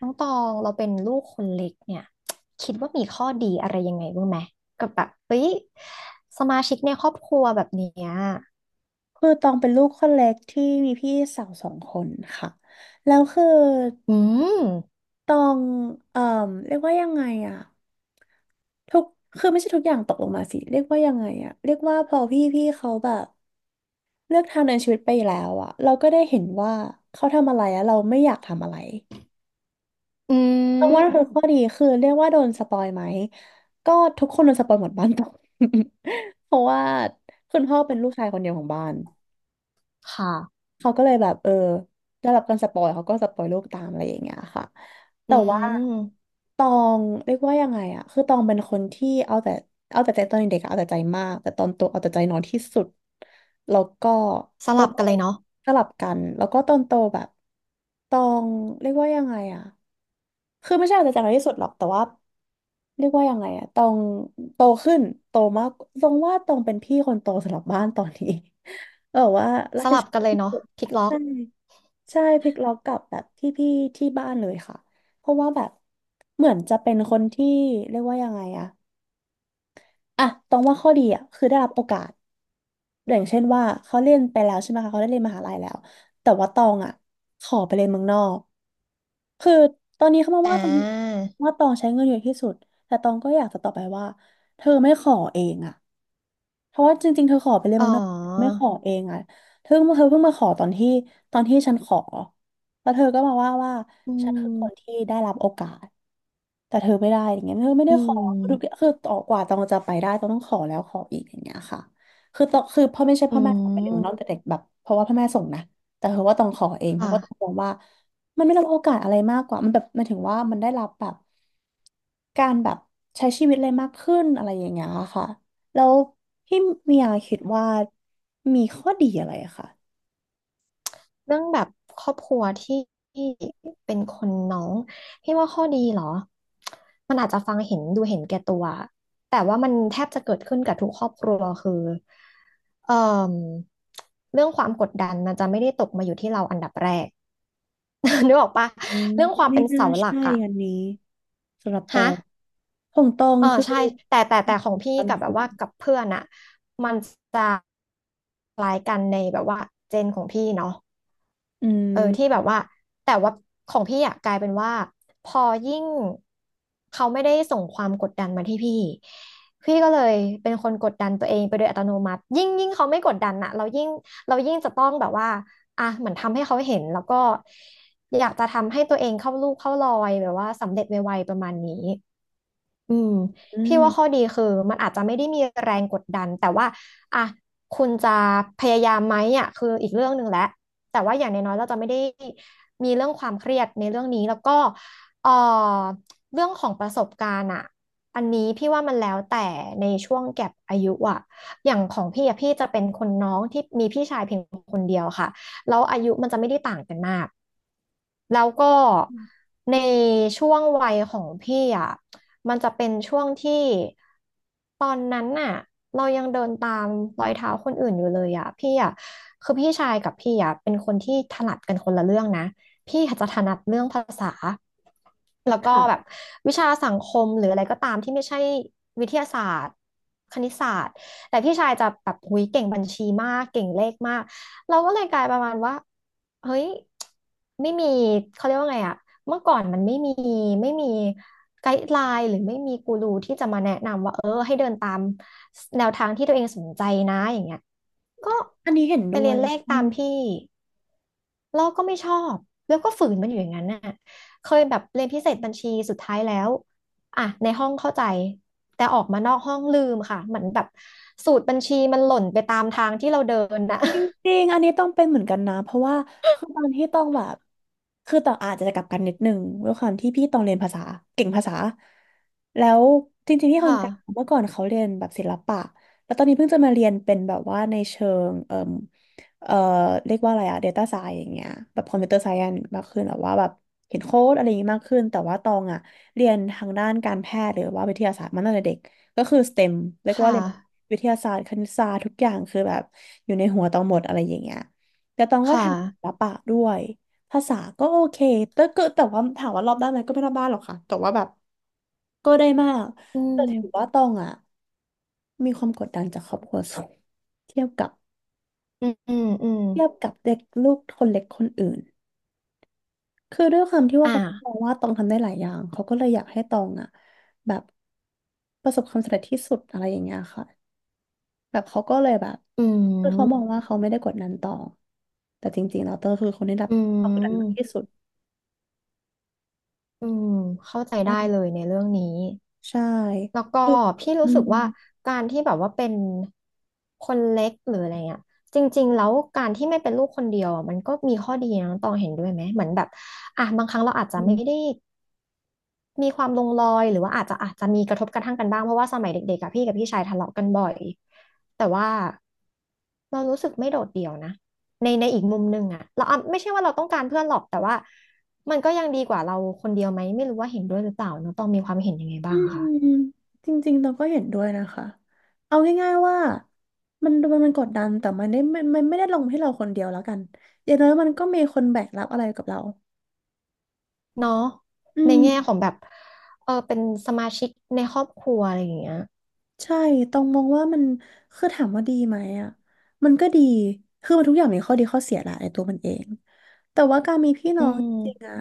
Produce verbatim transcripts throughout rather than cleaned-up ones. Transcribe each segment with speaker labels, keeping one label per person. Speaker 1: น้องตองเราเป็นลูกคนเล็กเนี่ยคิดว่ามีข้อดีอะไรยังไงบ้างไหมกับแบบเฮ้ยสมาชิกในครอบครัวแบบเนี้ย
Speaker 2: คือตองเป็นลูกคนเล็กที่มีพี่สาวสองคนค่ะแล้วคือ
Speaker 1: อืม
Speaker 2: ตองเอ่อเรียกว่ายังไงอะทุกคือไม่ใช่ทุกอย่างตกลงมาสิเรียกว่ายังไงอะเรียกว่าพอพี่พี่เขาแบบเลือกทางเดินชีวิตไปแล้วอะเราก็ได้เห็นว่าเขาทำอะไรแล้วเราไม่อยากทำอะไร
Speaker 1: อื
Speaker 2: ตอง
Speaker 1: ม
Speaker 2: ว่านั่นคือข้อดีคือเรียกว่าโดนสปอยไหมก็ทุกคนโดนสปอยหมดบ้านตอง เพราะว่าคุณพ่อเป็นลูกชายคนเดียวของบ้าน
Speaker 1: ค่ะ
Speaker 2: เขาก็เลยแบบเออได้รับการสปอยเขาก็สปอยโลกตามอะไรอย่างเงี้ยค่ะ
Speaker 1: อื
Speaker 2: แต่ว่า
Speaker 1: ม
Speaker 2: ตองเรียกว่ายังไงอะคือตองเป็นคนที่เอาแต่เอาแต่ใจตอนเด็กอะเอาแต่ใจมากแต่ตอนโตเอาแต่ใจน้อยที่สุดแล้วก็
Speaker 1: ส
Speaker 2: ตอ
Speaker 1: ลั
Speaker 2: น
Speaker 1: บ
Speaker 2: โต
Speaker 1: กันเลยเนาะ
Speaker 2: สลับกันแล้วก็ตอนโตแบบตองเรียกว่ายังไงอะ คือไม่ใช่อาจจะจำได้ที่สุดหรอกแต่ว่าเรียกว่ายังไงอะตองโตขึ้นโตมากตรงว่าตองเป็นพี่คนโตสำหรับบ้านตอนนี้ เออว่ารั
Speaker 1: ส
Speaker 2: บผิด
Speaker 1: ลับ
Speaker 2: ชอ
Speaker 1: กัน
Speaker 2: บ
Speaker 1: เลย
Speaker 2: ที่
Speaker 1: เนาะ
Speaker 2: สุด
Speaker 1: พลิกล็อ
Speaker 2: ใช่
Speaker 1: ก
Speaker 2: ใช่พลิกล็อกกับแบบพี่พี่ที่บ้านเลยค่ะเพราะว่าแบบเหมือนจะเป็นคนที่เรียกว่ายังไงอะอะตองว่าข้อดีอะคือได้รับโอกาสอย่างเช่นว่าเขาเรียนไปแล้วใช่ไหมคะเขาได้เรียนมหาลัยแล้วแต่ว่าตองอะขอไปเรียนเมืองนอก คือตอนนี้เขามา
Speaker 1: อ่
Speaker 2: ว่าตอง
Speaker 1: า
Speaker 2: ว่าตองใช้เงินเยอะที่สุดแต่ตองก็อยากจะตอบไปว่าเธอไม่ขอเองอะเพราะว่าจริงๆเธอขอไปเลยน
Speaker 1: อ๋
Speaker 2: เมื
Speaker 1: อ
Speaker 2: องนอกไม่ขอเองอะเธอเธอเพิ่งมาขอตอนที่ตอนที่ฉันขอแล้วเธอก็มาว่าว่า
Speaker 1: อื
Speaker 2: ฉันคือคน
Speaker 1: ม
Speaker 2: ที่ได้รับโอกาส แต่เธอไม่ได้อย่างเงี้ยเธอไม่
Speaker 1: อื
Speaker 2: ได้ขอทุกอย่าง
Speaker 1: ม
Speaker 2: คือต่อกว่าตองจะไปได้ต้องต้องขอแล้วขออีกอย่างเงี้ยค่ะคือตองคือพ่อไม่ใช่
Speaker 1: อื
Speaker 2: พ่อแม่ส่งไปเรียนเมืองนอก
Speaker 1: ม
Speaker 2: แต่เด็กแบบเพราะว่าพ่อแม่ส่งนะแต่เธอว่าต้องขอเองเพราะ
Speaker 1: ค่ะ
Speaker 2: ว่าต้องมองว่ามันไม่ได้รับโอกาสอะไรมากกว่ามันแบบมันถึงว่ามันได้รับแบบการแบบใช้ชีวิตอะไรมากขึ้นอะไรอย่างเงี้ยค่ะแล้วพี่เมียคิดว่ามีข้อดีอะไรอะค่ะ
Speaker 1: เรื่องแบบครอบครัวที่เป็นคนน้องพี่ว่าข้อดีเหรอมันอาจจะฟังเห็นดูเห็นแก่ตัวแต่ว่ามันแทบจะเกิดขึ้นกับทุกครอบครัวคือเอ่อเรื่องความกดดันมันจะไม่ได้ตกมาอยู่ที่เราอันดับแรก นึกออกปะ
Speaker 2: อืม
Speaker 1: เรื่องความ
Speaker 2: ไม่
Speaker 1: เป็น
Speaker 2: น่า
Speaker 1: เสาหลัก
Speaker 2: ใช่
Speaker 1: อะ
Speaker 2: อันนี้สำหรับตอ
Speaker 1: ฮะ
Speaker 2: งของตอง
Speaker 1: เออ
Speaker 2: คือ
Speaker 1: ใช่แต่แต่แต่ของพี่
Speaker 2: การ
Speaker 1: กับแบ
Speaker 2: ฝึ
Speaker 1: บ
Speaker 2: ก
Speaker 1: ว่ากับเพื่อนอะมันจะคล้ายกันในแบบว่าเจนของพี่เนาะ
Speaker 2: อื
Speaker 1: เออที่แบ
Speaker 2: ม
Speaker 1: บว่าแต่ว่าของพี่อะกลายเป็นว่าพอยิ่งเขาไม่ได้ส่งความกดดันมาที่พี่พี่ก็เลยเป็นคนกดดันตัวเองไปโดยอัตโนมัติยิ่งยิ่งเขาไม่กดดันอะเรายิ่งเรายิ่งจะต้องแบบว่าอ่ะเหมือนทำให้เขาเห็นแล้วก็อยากจะทำให้ตัวเองเข้าลูกเข้ารอยแบบว่าสำเร็จไวๆประมาณนี้ อืม
Speaker 2: อื
Speaker 1: พี่ว่าข้อ
Speaker 2: ม
Speaker 1: ดีคือมันอาจจะไม่ได้มีแรงกดดันแต่ว่าอ่ะคุณจะพยายามไหมอ่ะคืออีกเรื่องหนึ่งแหละแต่ว่าอย่างน้อยๆเราจะไม่ได้มีเรื่องความเครียดในเรื่องนี้แล้วก็เอ่อเรื่องของประสบการณ์อ่ะอันนี้พี่ว่ามันแล้วแต่ในช่วงแก็ปอายุอ่ะอย่างของพี่อ่ะพี่จะเป็นคนน้องที่มีพี่ชายเพียงคนเดียวค่ะ แล้วอายุมันจะไม่ได้ต่างกันมาก แล้วก็ในช่วงวัยของพี่อ่ะมันจะเป็นช่วงที่ตอนนั้นน่ะเรายังเดินตามรอยเท้าคนอื่นอยู่เลยอ่ะพี่อ่ะคือพี่ชายกับพี่อ่ะเป็นคนที่ถนัดกันคนละเรื่องนะพี่อาจจะถนัดเรื่องภาษาแล้วก็แบบ
Speaker 2: ค่ะ
Speaker 1: วิชาสังคมหรืออะไรก็ตามที่ไม่ใช่วิทยาศาสตร์คณิตศาสตร์แต่พี่ชายจะแบบหุยเก่งบัญชีมากเก่งเลขมาก เราก็เลยกลายประมาณว่าเฮ้ยไม่มีเขาเรียกว่าไงอะเมื่อก่อนมันไม่มีไม่มีไกด์ไลน์หรือไม่มีกูรูที่จะมาแนะนำว่าเออให้เดินตามแนวทางที่ตัวเองสนใจนะอย่างเงี้ยก็
Speaker 2: อันนี้เห็น
Speaker 1: ไป
Speaker 2: ด้ว
Speaker 1: เรีย
Speaker 2: ย
Speaker 1: นเลข
Speaker 2: ใช่
Speaker 1: ตามพี่เราก็ไม่ชอบแล้วก็ฝืนมันอยู่อย่างนั้นน่ะเคยแบบเรียนพิเศษบัญชีสุดท้ายแล้วอ่ะในห้องเข้าใจแต่ออกมานอกห้องลืมค่ะเหมือนแบบสูตรบัญชีมันหล่นไปตามทางที่เราเดินน่ะ
Speaker 2: จริงๆอันนี้ต้องเป็นเหมือนกันนะเพราะว่าคือตอนที่ต้องแบบคือต้องอาจจะกลับกันนิดนึงด้วยความที่พี่ต้องเรียนภาษาเก่งภาษาแล้วจริงๆที่ คน
Speaker 1: ค่ะ
Speaker 2: กลางเมื่อก่อนเขาเรียนแบบศิลปะแล้วตอนนี้เพิ่งจะมาเรียนเป็นแบบว่าในเชิงเอ่อเอ่อเรียกว่าอะไรอะ ดี ที เอ ไซเอนซ์ อย่างเงี้ยแบบคอมพิวเตอร์ไซเอนซ์มากขึ้นแบบว่าแบบเห็นโค้ดอะไรอย่างงี้มากขึ้นแต่ว่าตองอะเรียนทางด้านการแพทย์หรือว่าวิทยาศาสตร์มาตั้งแต่เด็ก ก็คือเอสทีอีเ e ็มเรียก
Speaker 1: ค่ะ
Speaker 2: ว่าเรียนวิทยาศาสตร์คณิตศาสตร์ทุกอย่างคือแบบอยู่ในหัวตองหมดอะไรอย่างเงี้ยแต่ตองก็
Speaker 1: ค่ะ
Speaker 2: ทำศิลปะด้วย ภาษาก็โอเค แต่ก็แต่ว่าถามว่ารอบด้านไหมก็ไม่รอบด้านหรอกค่ะแต่ว่าแบบก็ได้มาก
Speaker 1: อื
Speaker 2: แต่ถือว่า
Speaker 1: ม
Speaker 2: ตองอ่ะมีความกดดันจากครอบครัวสูงเทียบกับ
Speaker 1: อืมอืมอืม
Speaker 2: เทียบกับเด็กลูกคนเล็กคนอื่น คือด้วยความที่ว่า
Speaker 1: อ่า
Speaker 2: เขามองว่าตองทำได้หลายอย่างเขาก็เลยอยากให้ตองอ่ะแบบประสบความสำเร็จที่สุดอะไรอย่างเงี้ยค่ะ แบบเขาก็เลยแบบ
Speaker 1: อื
Speaker 2: คือเขามอ
Speaker 1: ม
Speaker 2: งว่าเขาไม่ได้กดดันต่อแต่จริงๆแล้วเตอร์คือคนที่รับ
Speaker 1: อื
Speaker 2: ความกดดันมาก
Speaker 1: ม
Speaker 2: ที่สุด
Speaker 1: อืมเข้าใจได้เลยในเรื่องนี้
Speaker 2: ใช่
Speaker 1: แล้วก็
Speaker 2: คือ
Speaker 1: พี่
Speaker 2: อื
Speaker 1: รู้สึ
Speaker 2: ม
Speaker 1: กว่าการที่แบบว่าเป็นคนเล็กหรืออะไรเงี้ยจริงๆแล้วการที่ไม่เป็นลูกคนเดียวอะมันก็มีข้อดีนะน้องตองเห็นด้วยไหม เหมือนแบบอ่ะบางครั้งเราอาจจะ
Speaker 2: อื
Speaker 1: ไม่ได้
Speaker 2: ม
Speaker 1: มีความลงรอยหรือว่าอาจจะอาจจะมีกระทบกระทั่งกันบ้างเพราะว่าสมัยเด็กๆกับพี่กับพี่ชายทะเลาะกันบ่อยแต่ว่าเรารู้สึกไม่โดดเดี่ยวนะในในอีกมุมหนึ่งอะเราอ่ะไม่ใช่ว่าเราต้องการเพื่อนหรอกแต่ว่ามันก็ยังดีกว่าเราคนเดียวไหมไม่รู้ว่าเห็นด้วยหรือเปล่าเนาะต้องมีความเห็นยังไง
Speaker 2: อื
Speaker 1: บ้าง
Speaker 2: ม
Speaker 1: อะคะ
Speaker 2: จริงๆเราก็เห็นด้วยนะคะเอาง่ายๆว่ามันมันมันกดดันแต่มันได้ไม่มันไม่ได้ลงให้เราคนเดียวแล้วกันอย่างน้อยมันก็มีคนแบกรับอะไรกับเรา
Speaker 1: เนาะ
Speaker 2: อื
Speaker 1: ใน
Speaker 2: ม
Speaker 1: แง่ของแบบเออเป็นสมาชิกในครอบครัวอะไรอย่างเงี้ย
Speaker 2: ใช่ต้องมองว่ามันคือถามว่าดีไหมอ่ะมันก็ดีคือมันทุกอย่างมีข้อดีข้อเสียแหละในตัวมันเองแต่ว่าการมีพี่
Speaker 1: อื
Speaker 2: น้องจริงๆอ่ะ
Speaker 1: ม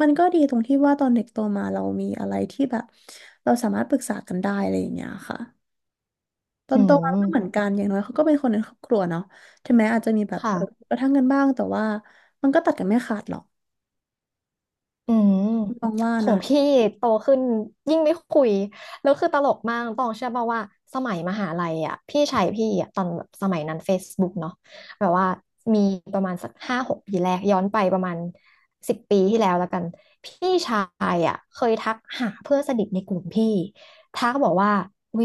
Speaker 2: มันก็ดีตรงที่ว่าตอนเด็กโตมาเรามีอะไรที่แบบเราสามารถปรึกษากันได้อะไรอย่างเงี้ยค่ะตอ
Speaker 1: อื
Speaker 2: นโตมา
Speaker 1: ม
Speaker 2: ก็เหมือนกันอย่างน้อยเขาก็เป็นคนในครอบครัวเนาะถึงแม้อาจจะมีแบบ
Speaker 1: ค่ะ
Speaker 2: เออกระทั่งกันบ้างแต่ว่ามันก็ตัดกันไม่ขาดหรอก
Speaker 1: อืม
Speaker 2: มองว่า
Speaker 1: ขอ
Speaker 2: นะ
Speaker 1: งพี่โตขึ้นยิ่งไม่คุยแล้วคือตลกมากต้องเชื่อป่าวว่าสมัยมหาลัยอ่ะพี่ชายพี่อ่ะตอนแบบสมัยนั้น Facebook เนาะแบบว่ามีประมาณสักห้าหกปีแรกย้อนไปประมาณสิบปีที่แล้วแล้วกันพี่ชายอ่ะเคยทักหาเพื่อนสนิทในกลุ่มพี่ทักบอกว่าวิ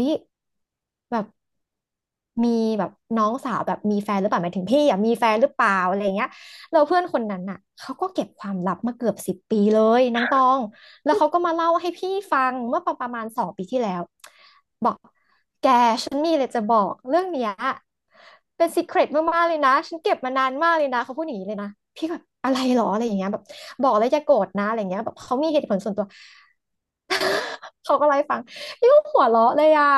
Speaker 1: แบบมีแบบน้องสาวแบบมีแฟนหรือเปล่าหมายถึงพี่อ่ะมีแฟนหรือเปล่าอะไรเงี้ย เราเพื่อนคนนั้นน่ะเขาก็เก็บความลับมาเกือบสิบปีเลยน้องตองแล้วเขาก็มาเล่าให้พี่ฟังเมื่อประมาณสองปีที่แล้วบอกแกฉันมีอะไรจะบอกเรื่องเนี้ยเป็นซีเครตมากๆเลยนะฉันเก็บมานานมากเลยนะเขาพูดอย่างนี้เลยนะพี่ก็แบบอะไรหรออะไรอย่างเงี้ยแบบบอกแล้วอย่าโกรธนะอะไรอย่างเงี้ยแบบเขามีเหตุผลส่วนตัว เขาก็ไล่าให้ฟังพี่ก็หัวเราะเลยอ่ะ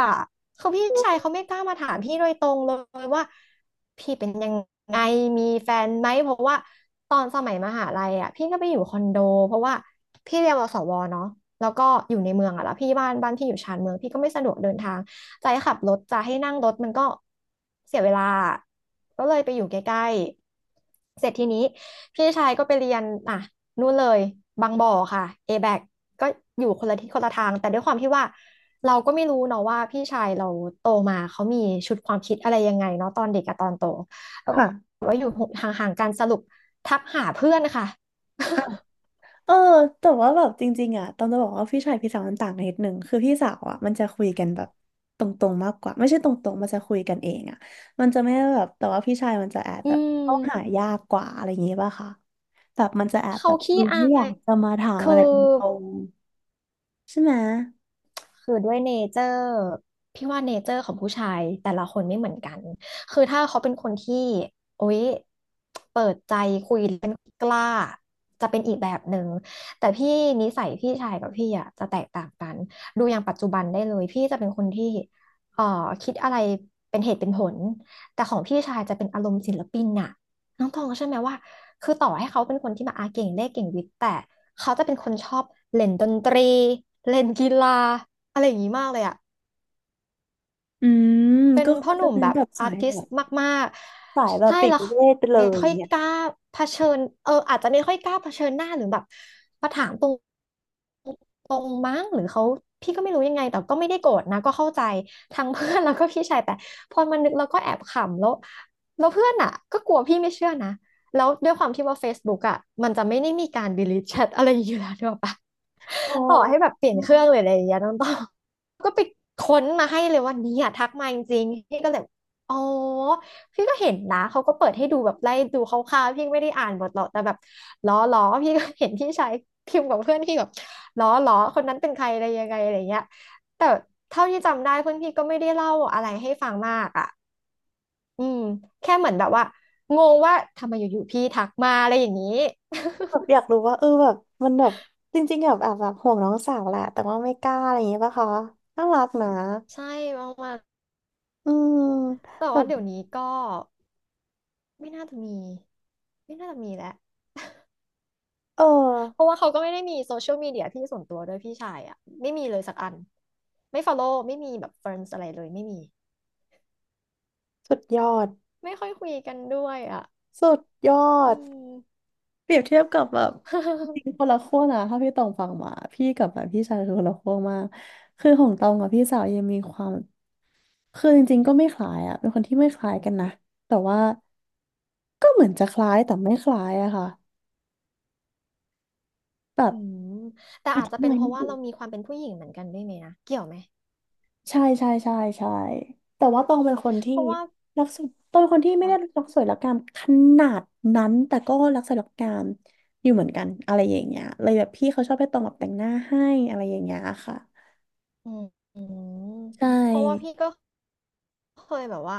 Speaker 1: คือพี่ชายเขาไม่กล้ามาถามพี่โดยตรงเลยว่าพี่เป็นยังไงมีแฟนไหมเพราะว่าตอนสมัยมหาลัยอ่ะพี่ก็ไปอยู่คอนโดเพราะว่าพี่เรียนวสวเนาะแล้วก็อยู่ในเมืองอ่ะแล้วพี่บ้านบ้านพี่อยู่ชานเมืองพี่ก็ไม่สะดวกเดินทางจะให้ขับรถจะให้นั่งรถมันก็เสียเวลาก็เลยไปอยู่ใกล้ๆเสร็จทีนี้พี่ชายก็ไปเรียนอ่ะนู่นเลยบางบ่อค่ะ เอ บี เอ ซี ก็อยู่คนละที่คนละทางแต่ด้วยความที่ว่า เราก็ไม่รู้เนาะว่าพี่ชายเราโตมาเขามีชุดความคิดอะไรยังไงเนาะตอนเด็กกับตอนโตแล้วก็
Speaker 2: ค่ะ
Speaker 1: ว่าอยู่ห่างๆกันสรุปทักหาเพื่อนค่ะ
Speaker 2: เออแต่ว่าแบบจริงๆอ่ะต้องจะบอกว่าพี่ชายพี่สาวมันต่างกันนิดนึงคือพี่สาวอ่ะมันจะคุยกันแบบตรงๆมากกว่าไม่ใช่ตรงๆมันจะคุยกันเองอ่ะมันจะไม่ได้แบบแต่ว่าพี่ชายมันจะแอบ
Speaker 1: อื
Speaker 2: แบบ
Speaker 1: ม
Speaker 2: เข้าหายากกว่าอะไรอย่างงี้ป่ะคะแบบมันจะแอบแบ
Speaker 1: เขา
Speaker 2: บเอ
Speaker 1: ขี้
Speaker 2: อ
Speaker 1: อา
Speaker 2: ไม่อยา
Speaker 1: ย
Speaker 2: กจะมาถามอะ
Speaker 1: คื
Speaker 2: ไร
Speaker 1: อ
Speaker 2: ตรงๆใช่ไหม
Speaker 1: คือด้วยเนเจอร์พี่ว่าเนเจอร์ของผู้ชายแต่ละคนไม่เหมือนกัน คือถ้าเขาเป็นคนที่โอ๊ยเปิดใจคุยเป็นกล้าจะเป็นอีกแบบหนึ่งแต่พี่นิสัยพี่ชายกับพี่อ่ะจะแตกต่างกันดูอย่างปัจจุบันได้เลยพี่จะเป็นคนที่เอ่อคิดอะไรเป็นเหตุเป็นผลแต่ของพี่ชายจะเป็นอารมณ์ศิลปินน่ะน้องตองก็ใช่อไหมว่าคือต่อให้เขาเป็นคนที่มาอาเก่งเลขเก่งวิทย์แต่เขาจะเป็นคนชอบเล่นดนตรีเล่นกีฬา อะไรอย่างนี้มากเลยอ่ะ
Speaker 2: อืม
Speaker 1: เป็น
Speaker 2: ก็คื
Speaker 1: พ่
Speaker 2: อ
Speaker 1: อห
Speaker 2: จะ
Speaker 1: นุ่ม
Speaker 2: เป็น
Speaker 1: แบบ
Speaker 2: แบบ
Speaker 1: อา
Speaker 2: สาย
Speaker 1: ร์ติ
Speaker 2: แบ
Speaker 1: ส
Speaker 2: บ
Speaker 1: ต์มาก
Speaker 2: สายแบ
Speaker 1: ๆ
Speaker 2: บ
Speaker 1: ใช่
Speaker 2: ปิด
Speaker 1: แล้วเขา
Speaker 2: เวทไปเล
Speaker 1: ไม่
Speaker 2: ยอ
Speaker 1: ค่อ
Speaker 2: ย่าง
Speaker 1: ย
Speaker 2: เงี้ย
Speaker 1: กล้าเผชิญเอออาจจะไม่ค่อยกล้าเผชิญหน้าหรือแบบมาถามตรงตรงมั้งหรือเขาพี่ก็ไม่รู้ยังไงแต่ก็ไม่ได้โกรธนะก็เข้าใจทั้งเพื่อน แล้วก็พี่ชายแต่พอมานึกแล้วก็แอบขำแล้วแล้วเพื่อนอ่ะก็กลัวพี่ไม่เชื่อนะแล้วด้วยความที่ว่า Facebook อ่ะมันจะไม่ได้มีการ delete chat อะไรอยู่แล้วด้วยปะ
Speaker 2: อ๋อ
Speaker 1: ต่อให้แบบเปลี่ยนเครื่องหรืออะไรอย่างเงี้ยน้องต้อง ก็ไปค้นมาให้เลยว่าเนี่ยทักมาจริงๆพี่ก็เลยอ๋อพี่ก็เห็นนะเขาก็เปิดให้ดูแบบไล่ดูคร่าวๆพี่ไม่ได้อ่านหมดหรอกแต่แบบล้อล้อพี่ก็เห็นพี่ชายพิมพ์กับเพื่อนพี่แบบล้อล้อคนนั้นเป็นใครอะไรยังไงอะไรเงี้ยแต่เท่าที่จำได้เพื่อนพี่ก็ไม่ได้เล่าอะไรให้ฟังมากอ่ะอืมแค่เหมือนแบบว่างงว่าทำไมอยู่ๆพี่ทักมาอะไรอย่างนี้
Speaker 2: แบบอยากรู้ว่าเออแบบมันแบบจริงๆแบบแอบแบบห่วงน้องสาวแหละแต่ว่าไม่กล้าอะไรอย่างเงี้ยป่ะคะน่ารักนะ
Speaker 1: ใช่ประมาณ
Speaker 2: อืม
Speaker 1: แต่
Speaker 2: แบ
Speaker 1: ว่า
Speaker 2: บ
Speaker 1: เดี๋ยวนี้ก็ไม่น่าจะมีไม่น่าจะมีแล้ว
Speaker 2: เออ
Speaker 1: เพราะว่าเขาก็ไม่ได้มีโซเชียลมีเดียที่ส่วนตัวด้วยพี่ชายอ่ะไม่มีเลยสักอันไม่ฟอลโล่ไม่มีแบบเฟรนด์อะไรเลยไม่มี
Speaker 2: สุดยอด
Speaker 1: ไม่ค่อยคุยกันด้วยอ่ะ
Speaker 2: สุดยอ
Speaker 1: อื
Speaker 2: ด
Speaker 1: ม
Speaker 2: เปรียบเทียบกับแบบจริงคน ละขั้วนะถ้าพี่ตองฟังมาพี่กับแบบพี่ชายคือคนละขั้วมากคือของตองกับพี่สาวยังมีความคือจริงๆก็ไม่คล้ายอะเป็นคนที่ไม่คล้ายกันนะแต่ว่าก็เหมือนจะคล้ายแต่ไม่คล้ายอะค่ะแบ
Speaker 1: อื
Speaker 2: บ
Speaker 1: มแต่
Speaker 2: อ
Speaker 1: อาจ
Speaker 2: ธิ
Speaker 1: จะเป็น
Speaker 2: บาย
Speaker 1: เพ
Speaker 2: ไม่
Speaker 1: ราะว่า
Speaker 2: ถูก
Speaker 1: เรามีความเป็นผู้หญิงเหมือนกันด้วยไหมนะเกี่ยวไหม
Speaker 2: ใช่ใช่ใช่ใช่แต่ว่าตองเป็นคนที่
Speaker 1: เพราะว่า
Speaker 2: รักสวยตองเป็นคนที่ไม่ได้
Speaker 1: ค่ะ
Speaker 2: รักสวยรักงามขนาดนั้นแต่ก็รักสวยรักงามอยู่เหมือนกันอะไรอย่างเงี้ยเลยแบบพี่เขาชอบให้ตองแบบแต่งหน้าให้อะไรอย่างเงี้ยค่ะ
Speaker 1: อืมอืม
Speaker 2: ใช
Speaker 1: เพราะว่าพี่
Speaker 2: ่
Speaker 1: ก็ เคยแบบว่า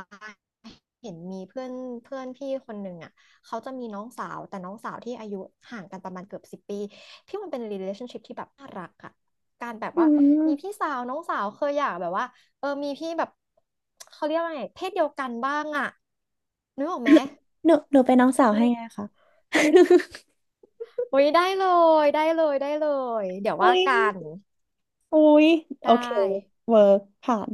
Speaker 1: เห็นมีเพื่อนเพื่อนพี่คนหนึ่งอ่ะเขาจะมีน้องสาวแต่น้องสาวที่อายุห่างกันประมาณเกือบสิบปีพี่มันเป็น relationship ที่แบบน่ารักอ่ะการแบบ
Speaker 2: อื
Speaker 1: ว่ามีพี่
Speaker 2: ม
Speaker 1: สาวน้องสาวเคยอยากแบบว่าเออมีพี่แบบเขาเรียกว่าไงเพศเดียวกันบ้างอ่ะนึกออกไหม
Speaker 2: หนูหนูเป็นน้องสาวให้ไงคะ
Speaker 1: โอ้ยได้เลยได้เลยได้เลย เดี๋ยวว่า
Speaker 2: อุ้ย
Speaker 1: กัน
Speaker 2: อุ้ยโอ
Speaker 1: ได้
Speaker 2: เคเวิร์กผ่าน